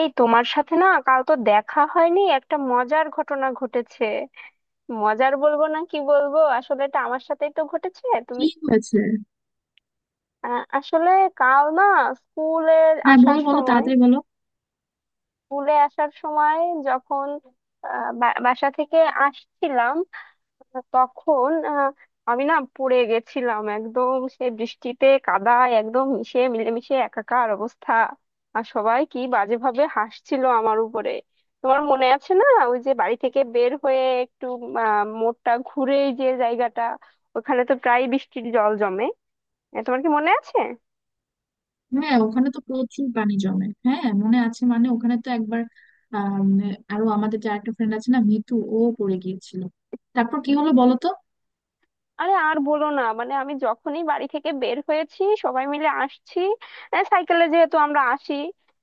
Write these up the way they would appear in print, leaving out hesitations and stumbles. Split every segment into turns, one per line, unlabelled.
এই তোমার সাথে না কাল তো দেখা হয়নি, একটা মজার ঘটনা ঘটেছে। মজার বলবো না কি বলবো, আসলে এটা আমার সাথেই তো ঘটেছে। তুমি
কি হয়েছে?
আসলে কাল না স্কুলে
হ্যাঁ,
আসার
বলো বলো
সময়,
তাড়াতাড়ি বলো।
স্কুলে আসার সময় যখন বাসা থেকে আসছিলাম, তখন আমি না পড়ে গেছিলাম, একদম সে বৃষ্টিতে কাদায় একদম মিশে মিলেমিশে একাকার অবস্থা। আর সবাই কি বাজেভাবে হাসছিল আমার উপরে। তোমার মনে আছে না, ওই যে বাড়ি থেকে বের হয়ে একটু মোড়টা ঘুরেই যে জায়গাটা, ওখানে তো প্রায় বৃষ্টির জল জমে। তোমার কি মনে আছে?
হ্যাঁ, ওখানে তো প্রচুর পানি জমে। হ্যাঁ, মনে আছে, মানে ওখানে তো একবার আম, আরো আমাদের যে আরেকটা ফ্রেন্ড আছে না, মিতু, ও পড়ে গিয়েছিল। তারপর কি হলো বলো তো?
আরে আর বলো না, মানে আমি যখনই বাড়ি থেকে বের হয়েছি, সবাই মিলে আসছি, সাইকেলে যেহেতু আমরা আসি,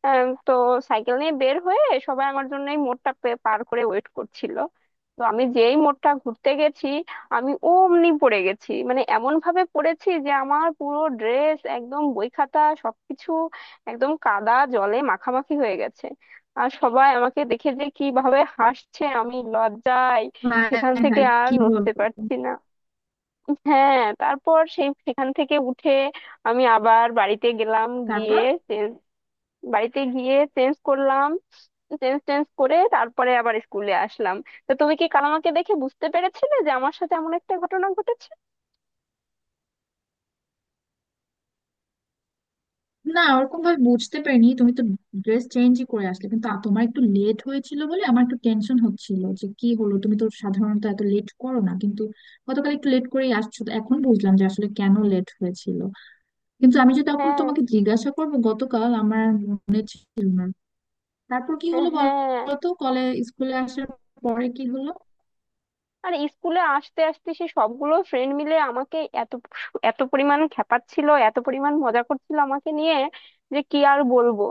তো সাইকেল নিয়ে বের হয়ে, সবাই আমার জন্য এই পার করে ওয়েট করছিল। তো আমি যেই মোড়টা ঘুরতে গেছি, আমি অমনি পড়ে গেছি, মানে এমন ভাবে পড়েছি যে আমার পুরো ড্রেস একদম, বই খাতা সবকিছু একদম কাদা জলে মাখামাখি হয়ে গেছে। আর সবাই আমাকে দেখে যে কিভাবে হাসছে, আমি লজ্জায় সেখান
হায়
থেকে
হায়,
আর
কি বলো!
নড়তে পারছি না। হ্যাঁ, তারপর সেখান থেকে উঠে আমি আবার বাড়িতে গেলাম,
তারপর?
গিয়ে চেঞ্জ, বাড়িতে গিয়ে চেঞ্জ করলাম, চেঞ্জ টেঞ্জ করে তারপরে আবার স্কুলে আসলাম। তো তুমি কি কাল আমাকে দেখে বুঝতে পেরেছিলে যে আমার সাথে এমন একটা ঘটনা ঘটেছে?
না, ওরকম ভাবে বুঝতে পারিনি। তুমি তো ড্রেস চেঞ্জই করে আসলে, কিন্তু তোমার একটু লেট হয়েছিল বলে আমার একটু টেনশন হচ্ছিল যে কি হলো, তুমি তো সাধারণত এত লেট করো না, কিন্তু গতকাল একটু লেট করেই আসছো, তো এখন বুঝলাম যে আসলে কেন লেট হয়েছিল। কিন্তু আমি যে তখন
হ্যাঁ।
তোমাকে জিজ্ঞাসা করবো, গতকাল আমার আর মনে ছিল না। তারপর কি হলো
হ্যাঁ।
বলতো কলে? স্কুলে আসার পরে কি হলো?
আর স্কুলে আসতে আসতে সে সবগুলো ফ্রেন্ড মিলে আমাকে এত এত পরিমাণ খেপাচ্ছিল, এত পরিমাণ মজা করছিল আমাকে নিয়ে যে কি আর বলবো।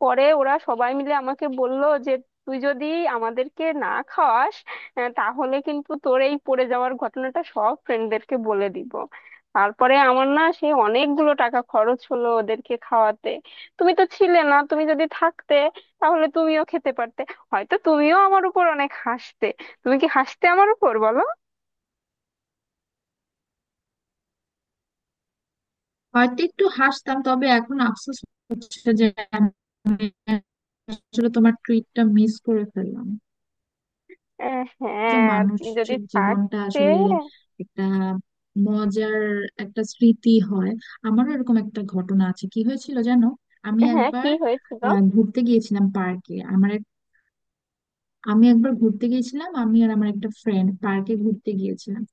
পরে ওরা সবাই মিলে আমাকে বলল যে, তুই যদি আমাদেরকে না খাওয়াস, তাহলে কিন্তু তোর এই পড়ে যাওয়ার ঘটনাটা সব ফ্রেন্ডদেরকে বলে দিব। তারপরে আমার না সে অনেকগুলো টাকা খরচ হলো ওদেরকে খাওয়াতে। তুমি তো ছিলে না, তুমি যদি থাকতে তাহলে তুমিও খেতে পারতে, হয়তো তুমিও আমার উপর অনেক হাসতে। তুমি কি হাসতে আমার উপর, বলো?
হয়তো একটু হাসতাম, তবে এখন আফসোস হচ্ছে যে আমি আসলে তোমার ট্রিটটা মিস করে ফেললাম। তো
হ্যাঁ, তুমি যদি
মানুষের জীবনটা
থাকতে।
আসলে একটা মজার একটা স্মৃতি হয়। আমারও এরকম একটা ঘটনা আছে, কি হয়েছিল জানো? আমি
হ্যাঁ, কি
একবার
হয়েছিল?
ঘুরতে গিয়েছিলাম পার্কে আমার। আমি একবার ঘুরতে গিয়েছিলাম, আমি আর আমার একটা ফ্রেন্ড পার্কে ঘুরতে গিয়েছিলাম।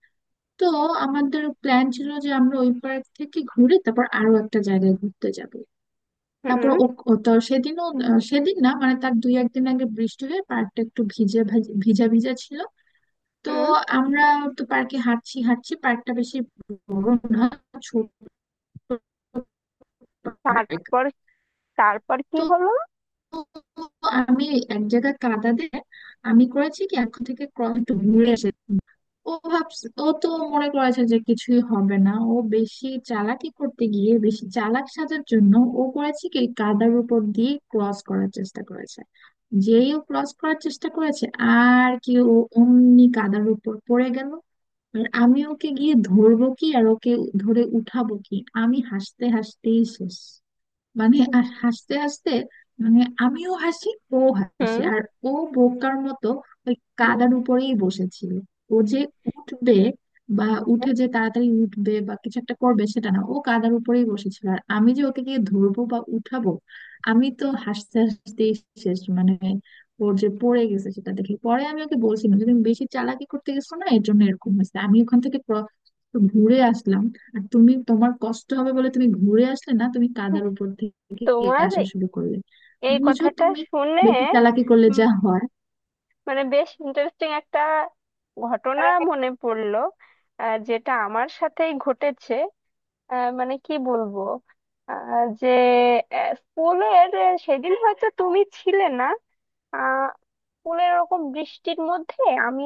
তো আমাদের প্ল্যান ছিল যে আমরা ওই পার্ক থেকে ঘুরে তারপর আরো একটা জায়গায় ঘুরতে যাব। তারপর
হুম।
ও, সেদিন না মানে তার দুই একদিন আগে বৃষ্টি হয়ে পার্কটা একটু ভিজে, ভিজা ভিজা ছিল। তো
হুম,
আমরা তো পার্কে হাঁটছি হাঁটছি, পার্কটা বেশি বড় না, ছোট পার্ক।
তারপর? তারপর কি
তো
হলো?
আমি এক জায়গায় কাদা দিয়ে আমি করেছি কি, এখন থেকে ক্রস একটু ঘুরে এসে। ও ভাবছে, ও তো মনে করেছে যে কিছুই হবে না। ও বেশি চালাকি করতে গিয়ে বেশি চালাক সাজার জন্য ও করেছে কি, কাদার উপর দিয়ে ক্রস করার চেষ্টা করেছে। যেই ও ক্রস করার চেষ্টা করেছে আর কি, ও অমনি কাদার উপর পড়ে গেল। আর আমি ওকে গিয়ে ধরবো কি আর ওকে ধরে উঠাবো কি, আমি হাসতে হাসতেই শেষ। মানে আর হাসতে হাসতে, মানে আমিও হাসি, ও হাসে।
হুম।
আর ও বোকার মতো ওই
হুম,
কাদার উপরেই বসেছিল। ও যে উঠবে বা উঠে
হ্যাঁ,
যে তাড়াতাড়ি উঠবে বা কিছু একটা করবে, সেটা না, ও কাদার উপরেই বসেছিল। আর আমি যে ওকে গিয়ে ধরবো বা উঠাবো, আমি তো হাসতে হাসতেই শেষ। মানে ওর যে পড়ে গেছে সেটা দেখে পরে আমি ওকে বলছিলাম যে তুমি বেশি চালাকি করতে গেছো না, এর জন্য এরকম হয়েছে। আমি ওখান থেকে ঘুরে আসলাম, আর তুমি তোমার কষ্ট হবে বলে তুমি ঘুরে আসলে না, তুমি কাদার উপর থেকে
তোমার
আসা শুরু করলে।
এই
বুঝো,
কথাটা
তুমি
শুনে
বেশি চালাকি করলে
উম,
যা হয়।
মানে বেশ ইন্টারেস্টিং একটা ঘটনা মনে পড়লো, যেটা আমার সাথেই ঘটেছে। আহ, মানে কি বলবো আহ, যে আহ, স্কুলের সেদিন হয়তো তুমি ছিলে না। আহ স্কুলের ওরকম বৃষ্টির মধ্যে আমি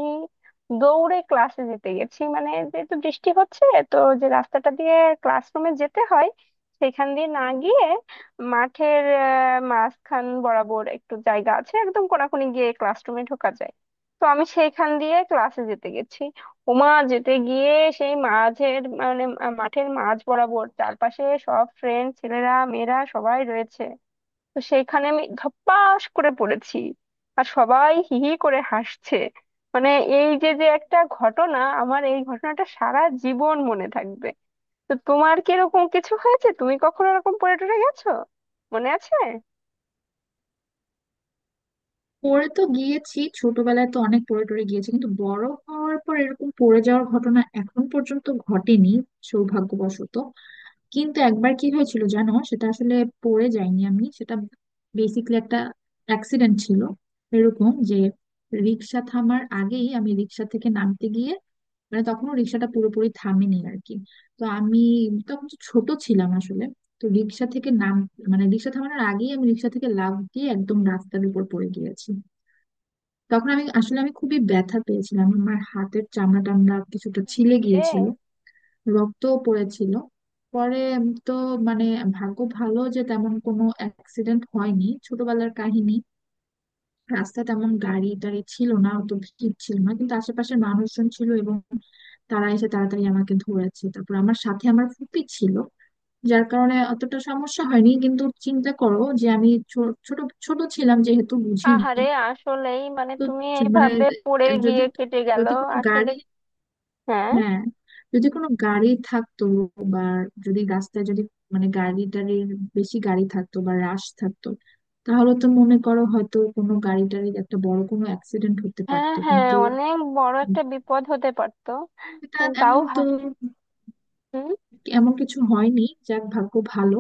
দৌড়ে ক্লাসে যেতে গেছি, মানে যেহেতু বৃষ্টি হচ্ছে, তো যে রাস্তাটা দিয়ে ক্লাসরুমে যেতে হয় সেখান দিয়ে না গিয়ে মাঠের মাঝখান বরাবর একটু জায়গা আছে, একদম কোনাকুনি গিয়ে ক্লাসরুমে ঢোকা যায়। তো আমি সেইখান দিয়ে ক্লাসে যেতে গেছি, ওমা যেতে গিয়ে সেই মাঝের মাঠের মাঝ বরাবর চারপাশে সব ফ্রেন্ড, ছেলেরা মেয়েরা সবাই রয়েছে। তো সেইখানে আমি ধপাস করে পড়েছি, আর সবাই হি হি করে হাসছে। মানে এই যে যে একটা ঘটনা, আমার এই ঘটনাটা সারা জীবন মনে থাকবে। তো তোমার কি এরকম কিছু হয়েছে? তুমি কখনো এরকম পড়ে টরে গেছো, মনে আছে?
পড়ে তো গিয়েছি, ছোটবেলায় তো অনেক পড়ে টরে গিয়েছি, কিন্তু বড় হওয়ার পর এরকম পড়ে যাওয়ার ঘটনা এখন পর্যন্ত ঘটেনি, সৌভাগ্যবশত। কিন্তু একবার কি হয়েছিল জানো, সেটা আসলে পড়ে যায়নি, আমি সেটা বেসিক্যালি একটা অ্যাক্সিডেন্ট ছিল এরকম যে, রিক্সা থামার আগেই আমি রিক্সা থেকে নামতে গিয়ে, মানে তখনও রিক্সাটা পুরোপুরি থামেনি আর কি। তো আমি তখন তো ছোট ছিলাম আসলে। তো রিক্সা থেকে নাম মানে রিক্সা থামানোর আগেই আমি রিক্সা থেকে লাফ দিয়ে একদম রাস্তার উপর পড়ে গিয়েছি। তখন আমি আসলে, আমি খুবই ব্যথা পেয়েছিলাম। আমার হাতের চামড়া টামড়া কিছুটা ছিলে
রে,
গিয়েছিল, রক্তও পড়েছিল। পরে তো, মানে ভাগ্য ভালো যে তেমন কোনো অ্যাক্সিডেন্ট হয়নি। ছোটবেলার কাহিনী, রাস্তা তেমন গাড়ি টাড়ি ছিল না, অত ভিড় ছিল না, কিন্তু আশেপাশের মানুষজন ছিল, এবং তারা এসে তাড়াতাড়ি আমাকে ধরেছে। তারপর আমার সাথে আমার ফুপি ছিল, যার কারণে অতটা সমস্যা হয়নি। কিন্তু চিন্তা করো যে আমি ছোট ছোট ছিলাম, যেহেতু বুঝিনি।
আহারে, আসলেই মানে
তো
তুমি
মানে
এইভাবে পড়ে
যদি
গিয়ে কেটে গেল।
যদি কোনো
আসলে
গাড়ি...
হ্যাঁ।
হ্যাঁ, যদি কোনো গাড়ি থাকতো, বা যদি রাস্তায়, যদি মানে গাড়ি টাড়ির, বেশি গাড়ি থাকতো বা রাশ থাকতো, তাহলে তো মনে করো হয়তো কোনো গাড়ি টাড়ির একটা বড় কোনো অ্যাক্সিডেন্ট হতে
হ্যাঁ।
পারতো,
হ্যাঁ,
কিন্তু
অনেক বড় একটা বিপদ হতে পারতো।
এটা
তাও,
এমন তো,
হ্যাঁ।
এমন কিছু হয়নি। যাক, ভাগ্য ভালো।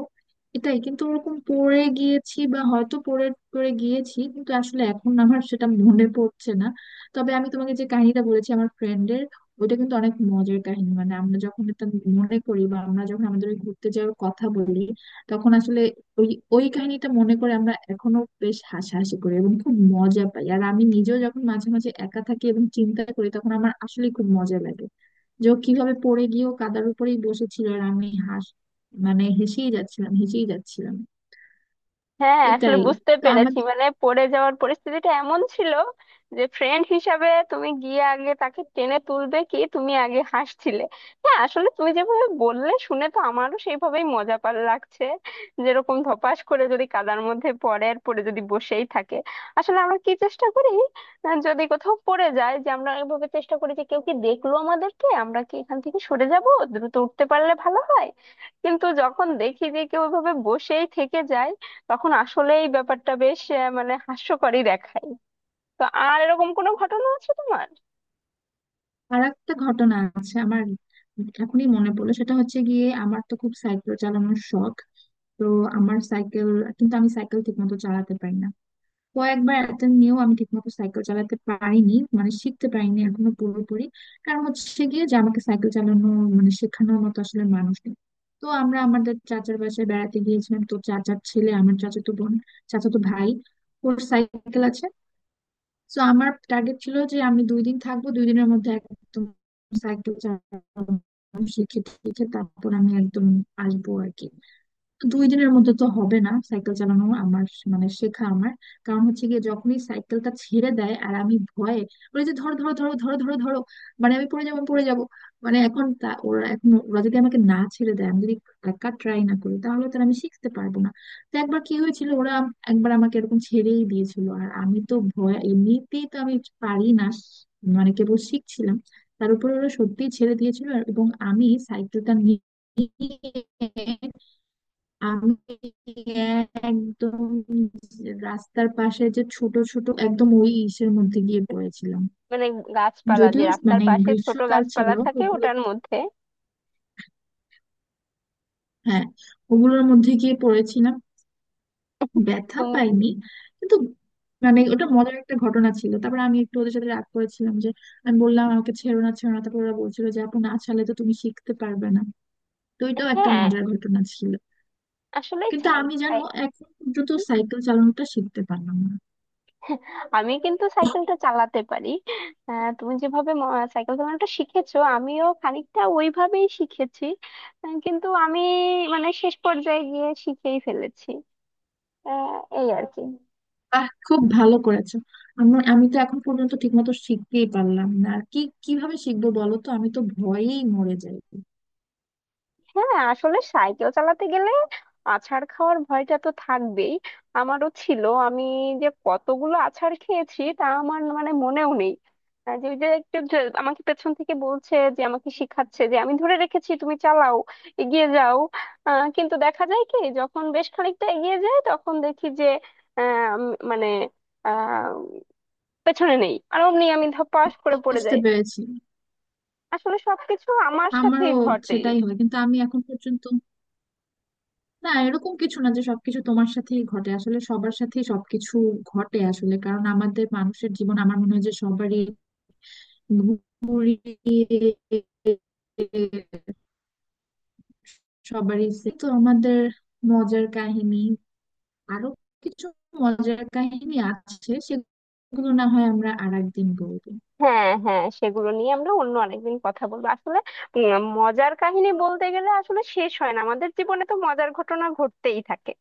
এটাই, কিন্তু ওরকম পড়ে গিয়েছি বা হয়তো পড়ে পড়ে গিয়েছি, কিন্তু আসলে এখন আমার সেটা মনে পড়ছে না। তবে আমি তোমাকে যে কাহিনীটা বলেছি আমার ফ্রেন্ডের, ওইটা কিন্তু অনেক মজার কাহিনী। মানে আমরা যখন এটা মনে করি বা আমরা যখন আমাদের ওই ঘুরতে যাওয়ার কথা বলি, তখন আসলে ওই ওই কাহিনীটা মনে করে আমরা এখনো বেশ হাসাহাসি করি এবং খুব মজা পাই। আর আমি নিজেও যখন মাঝে মাঝে একা থাকি এবং চিন্তা করি, তখন আমার আসলে খুব মজা লাগে যে ও কিভাবে পড়ে গিয়েও কাদার উপরেই বসেছিল, আর আমি মানে হেসেই যাচ্ছিলাম, হেসেই যাচ্ছিলাম।
হ্যাঁ, আসলে
এটাই।
বুঝতে
তো আমার
পেরেছি, মানে পড়ে যাওয়ার পরিস্থিতিটা এমন ছিল যে ফ্রেন্ড হিসাবে তুমি গিয়ে আগে তাকে টেনে তুলবে কি, তুমি আগে হাসছিলে। হ্যাঁ, আসলে তুমি যেভাবে বললে শুনে তো আমারও সেইভাবেই মজা পার লাগছে। যেরকম ধপাস করে যদি কাদার মধ্যে পড়ে আর পড়ে যদি বসেই থাকে, আসলে আমরা কি চেষ্টা করি, যদি কোথাও পড়ে যায়, যে আমরা এভাবে চেষ্টা করি যে কেউ কি দেখলো আমাদেরকে, আমরা কি এখান থেকে সরে যাব, দ্রুত উঠতে পারলে ভালো হয়। কিন্তু যখন দেখি যে কেউ এভাবে বসেই থেকে যায়, তখন আসলেই ব্যাপারটা বেশ মানে হাস্যকরই দেখায়। তো আর এরকম কোনো ঘটনা আছে তোমার?
আর একটা ঘটনা আছে আমার, এখনই মনে পড়লো। সেটা হচ্ছে গিয়ে আমার তো খুব সাইকেল চালানোর শখ। তো আমার সাইকেল, কিন্তু আমি সাইকেল ঠিক মতো চালাতে পারি না। কয়েকবার অ্যাটেম্প নিয়েও আমি ঠিকমতো সাইকেল চালাতে পারিনি, মানে শিখতে পারিনি এখনো পুরোপুরি। কারণ হচ্ছে গিয়ে যে আমাকে সাইকেল চালানো মানে শেখানোর মতো আসলে মানুষ নেই। তো আমরা আমাদের চাচার বাসায় বেড়াতে গিয়েছিলাম, তো চাচার ছেলে, আমার চাচাতো বোন, চাচাতো ভাই, ওর সাইকেল আছে। তো আমার টার্গেট ছিল যে আমি দুই দিন থাকবো, দুই দিনের মধ্যে একদম সাইকেল চালানো শিখে টিখে তারপর আমি একদম আসবো আর কি। দুই দিনের মধ্যে তো হবে না সাইকেল চালানো আমার, মানে শেখা আমার। কারণ হচ্ছে গিয়ে যখনই সাইকেলটা ছেড়ে দেয়, আর আমি ভয়ে, ওই যে ধরো ধরো ধরো ধরো ধরো ধরো, মানে আমি পড়ে যাবো পড়ে যাবো। মানে এখন ওরা, এখন ওরা যদি আমাকে না ছেড়ে দেয়, আমি যদি একা ট্রাই না করি, তাহলে তাহলে আমি শিখতে পারবো না। তো একবার কি হয়েছিল, ওরা একবার আমাকে এরকম ছেড়েই দিয়েছিল, আর আমি তো ভয়, এমনিতেই তো আমি পারি না, মানে কেবল শিখছিলাম, তার উপরে ওরা সত্যিই ছেড়ে দিয়েছিল। এবং আমি সাইকেলটা নিয়ে আমি একদম রাস্তার পাশে যে ছোট ছোট একদম ওই ইসের মধ্যে গিয়ে পড়েছিলাম।
মানে গাছপালা, যে
যদিও
রাস্তার
মানে
পাশে ছোট
গ্রীষ্মকাল ছিল,
গাছপালা থাকে,
ওগুলো,
ওটার মধ্যে?
হ্যাঁ, ওগুলোর মধ্যে গিয়ে পড়েছিলাম। ব্যথা
তুমি,
পাইনি, কিন্তু মানে ওটা মজার একটা ঘটনা ছিল। তারপর আমি একটু ওদের সাথে রাগ করেছিলাম যে, আমি বললাম আমাকে ছেড়ো না ছেড়ো না, তারপর ওরা বলছিল যে আপু, না ছাড়লে তো তুমি শিখতে পারবে না। তো এটাও একটা
হ্যাঁ,
মজার ঘটনা ছিল।
আসলেই
কিন্তু
চাই।
আমি জানো
চাই।
এখন পর্যন্ত সাইকেল চালানোটা শিখতে পারলাম না।
আমি কিন্তু সাইকেলটা চালাতে পারি। আহ, তুমি যেভাবে সাইকেল চালানোটা শিখেছো, আমিও খানিকটা ওইভাবেই শিখেছি। কিন্তু আমি মানে শেষ পর্যায়ে গিয়ে শিখেই ফেলেছি। আহ, এই আর কি।
আহ, খুব ভালো করেছো। আমি আমি তো এখন পর্যন্ত ঠিকমতো শিখতেই পারলাম না আর কি। কিভাবে শিখবো বলো তো, আমি তো ভয়েই মরে যাই।
হ্যাঁ, আসলে সাইকেল চালাতে গেলে আছাড় খাওয়ার ভয়টা তো থাকবেই, আমারও ছিল। আমি যে কতগুলো আছাড় খেয়েছি তা আমার মানে মনেও নেই। যে ওই যে একটু যে- আমাকে পেছন থেকে বলছে, যে আমাকে শিখাচ্ছে যে আমি ধরে রেখেছি, তুমি চালাও, এগিয়ে যাও। কিন্তু দেখা যায় কি, যখন বেশ খানিকটা এগিয়ে যায় তখন দেখি যে আহ, উম, মানে আহ, পেছনে নেই, আর অমনি আমি ধপাস করে পড়ে
বুঝতে
যাই।
পেরেছি।
আসলে সবকিছু আমার
আমারও
সাথেই ঘটে।
সেটাই হয়, কিন্তু আমি এখন পর্যন্ত, না, এরকম কিছু না যে সবকিছু তোমার সাথেই ঘটে। আসলে সবার সাথেই সবকিছু ঘটে আসলে, কারণ আমাদের মানুষের জীবন, আমার মনে হয় যে সবারই ঘুরিয়ে সবারই তো আমাদের মজার কাহিনী, আরো কিছু মজার কাহিনী আছে, সেগুলো না হয় আমরা আর একদিন বলবো।
হ্যাঁ, হ্যাঁ, সেগুলো নিয়ে আমরা অন্য আরেকদিন কথা বলবো। আসলে মজার কাহিনী বলতে গেলে আসলে শেষ হয় না, আমাদের জীবনে তো মজার ঘটনা ঘটতেই থাকে।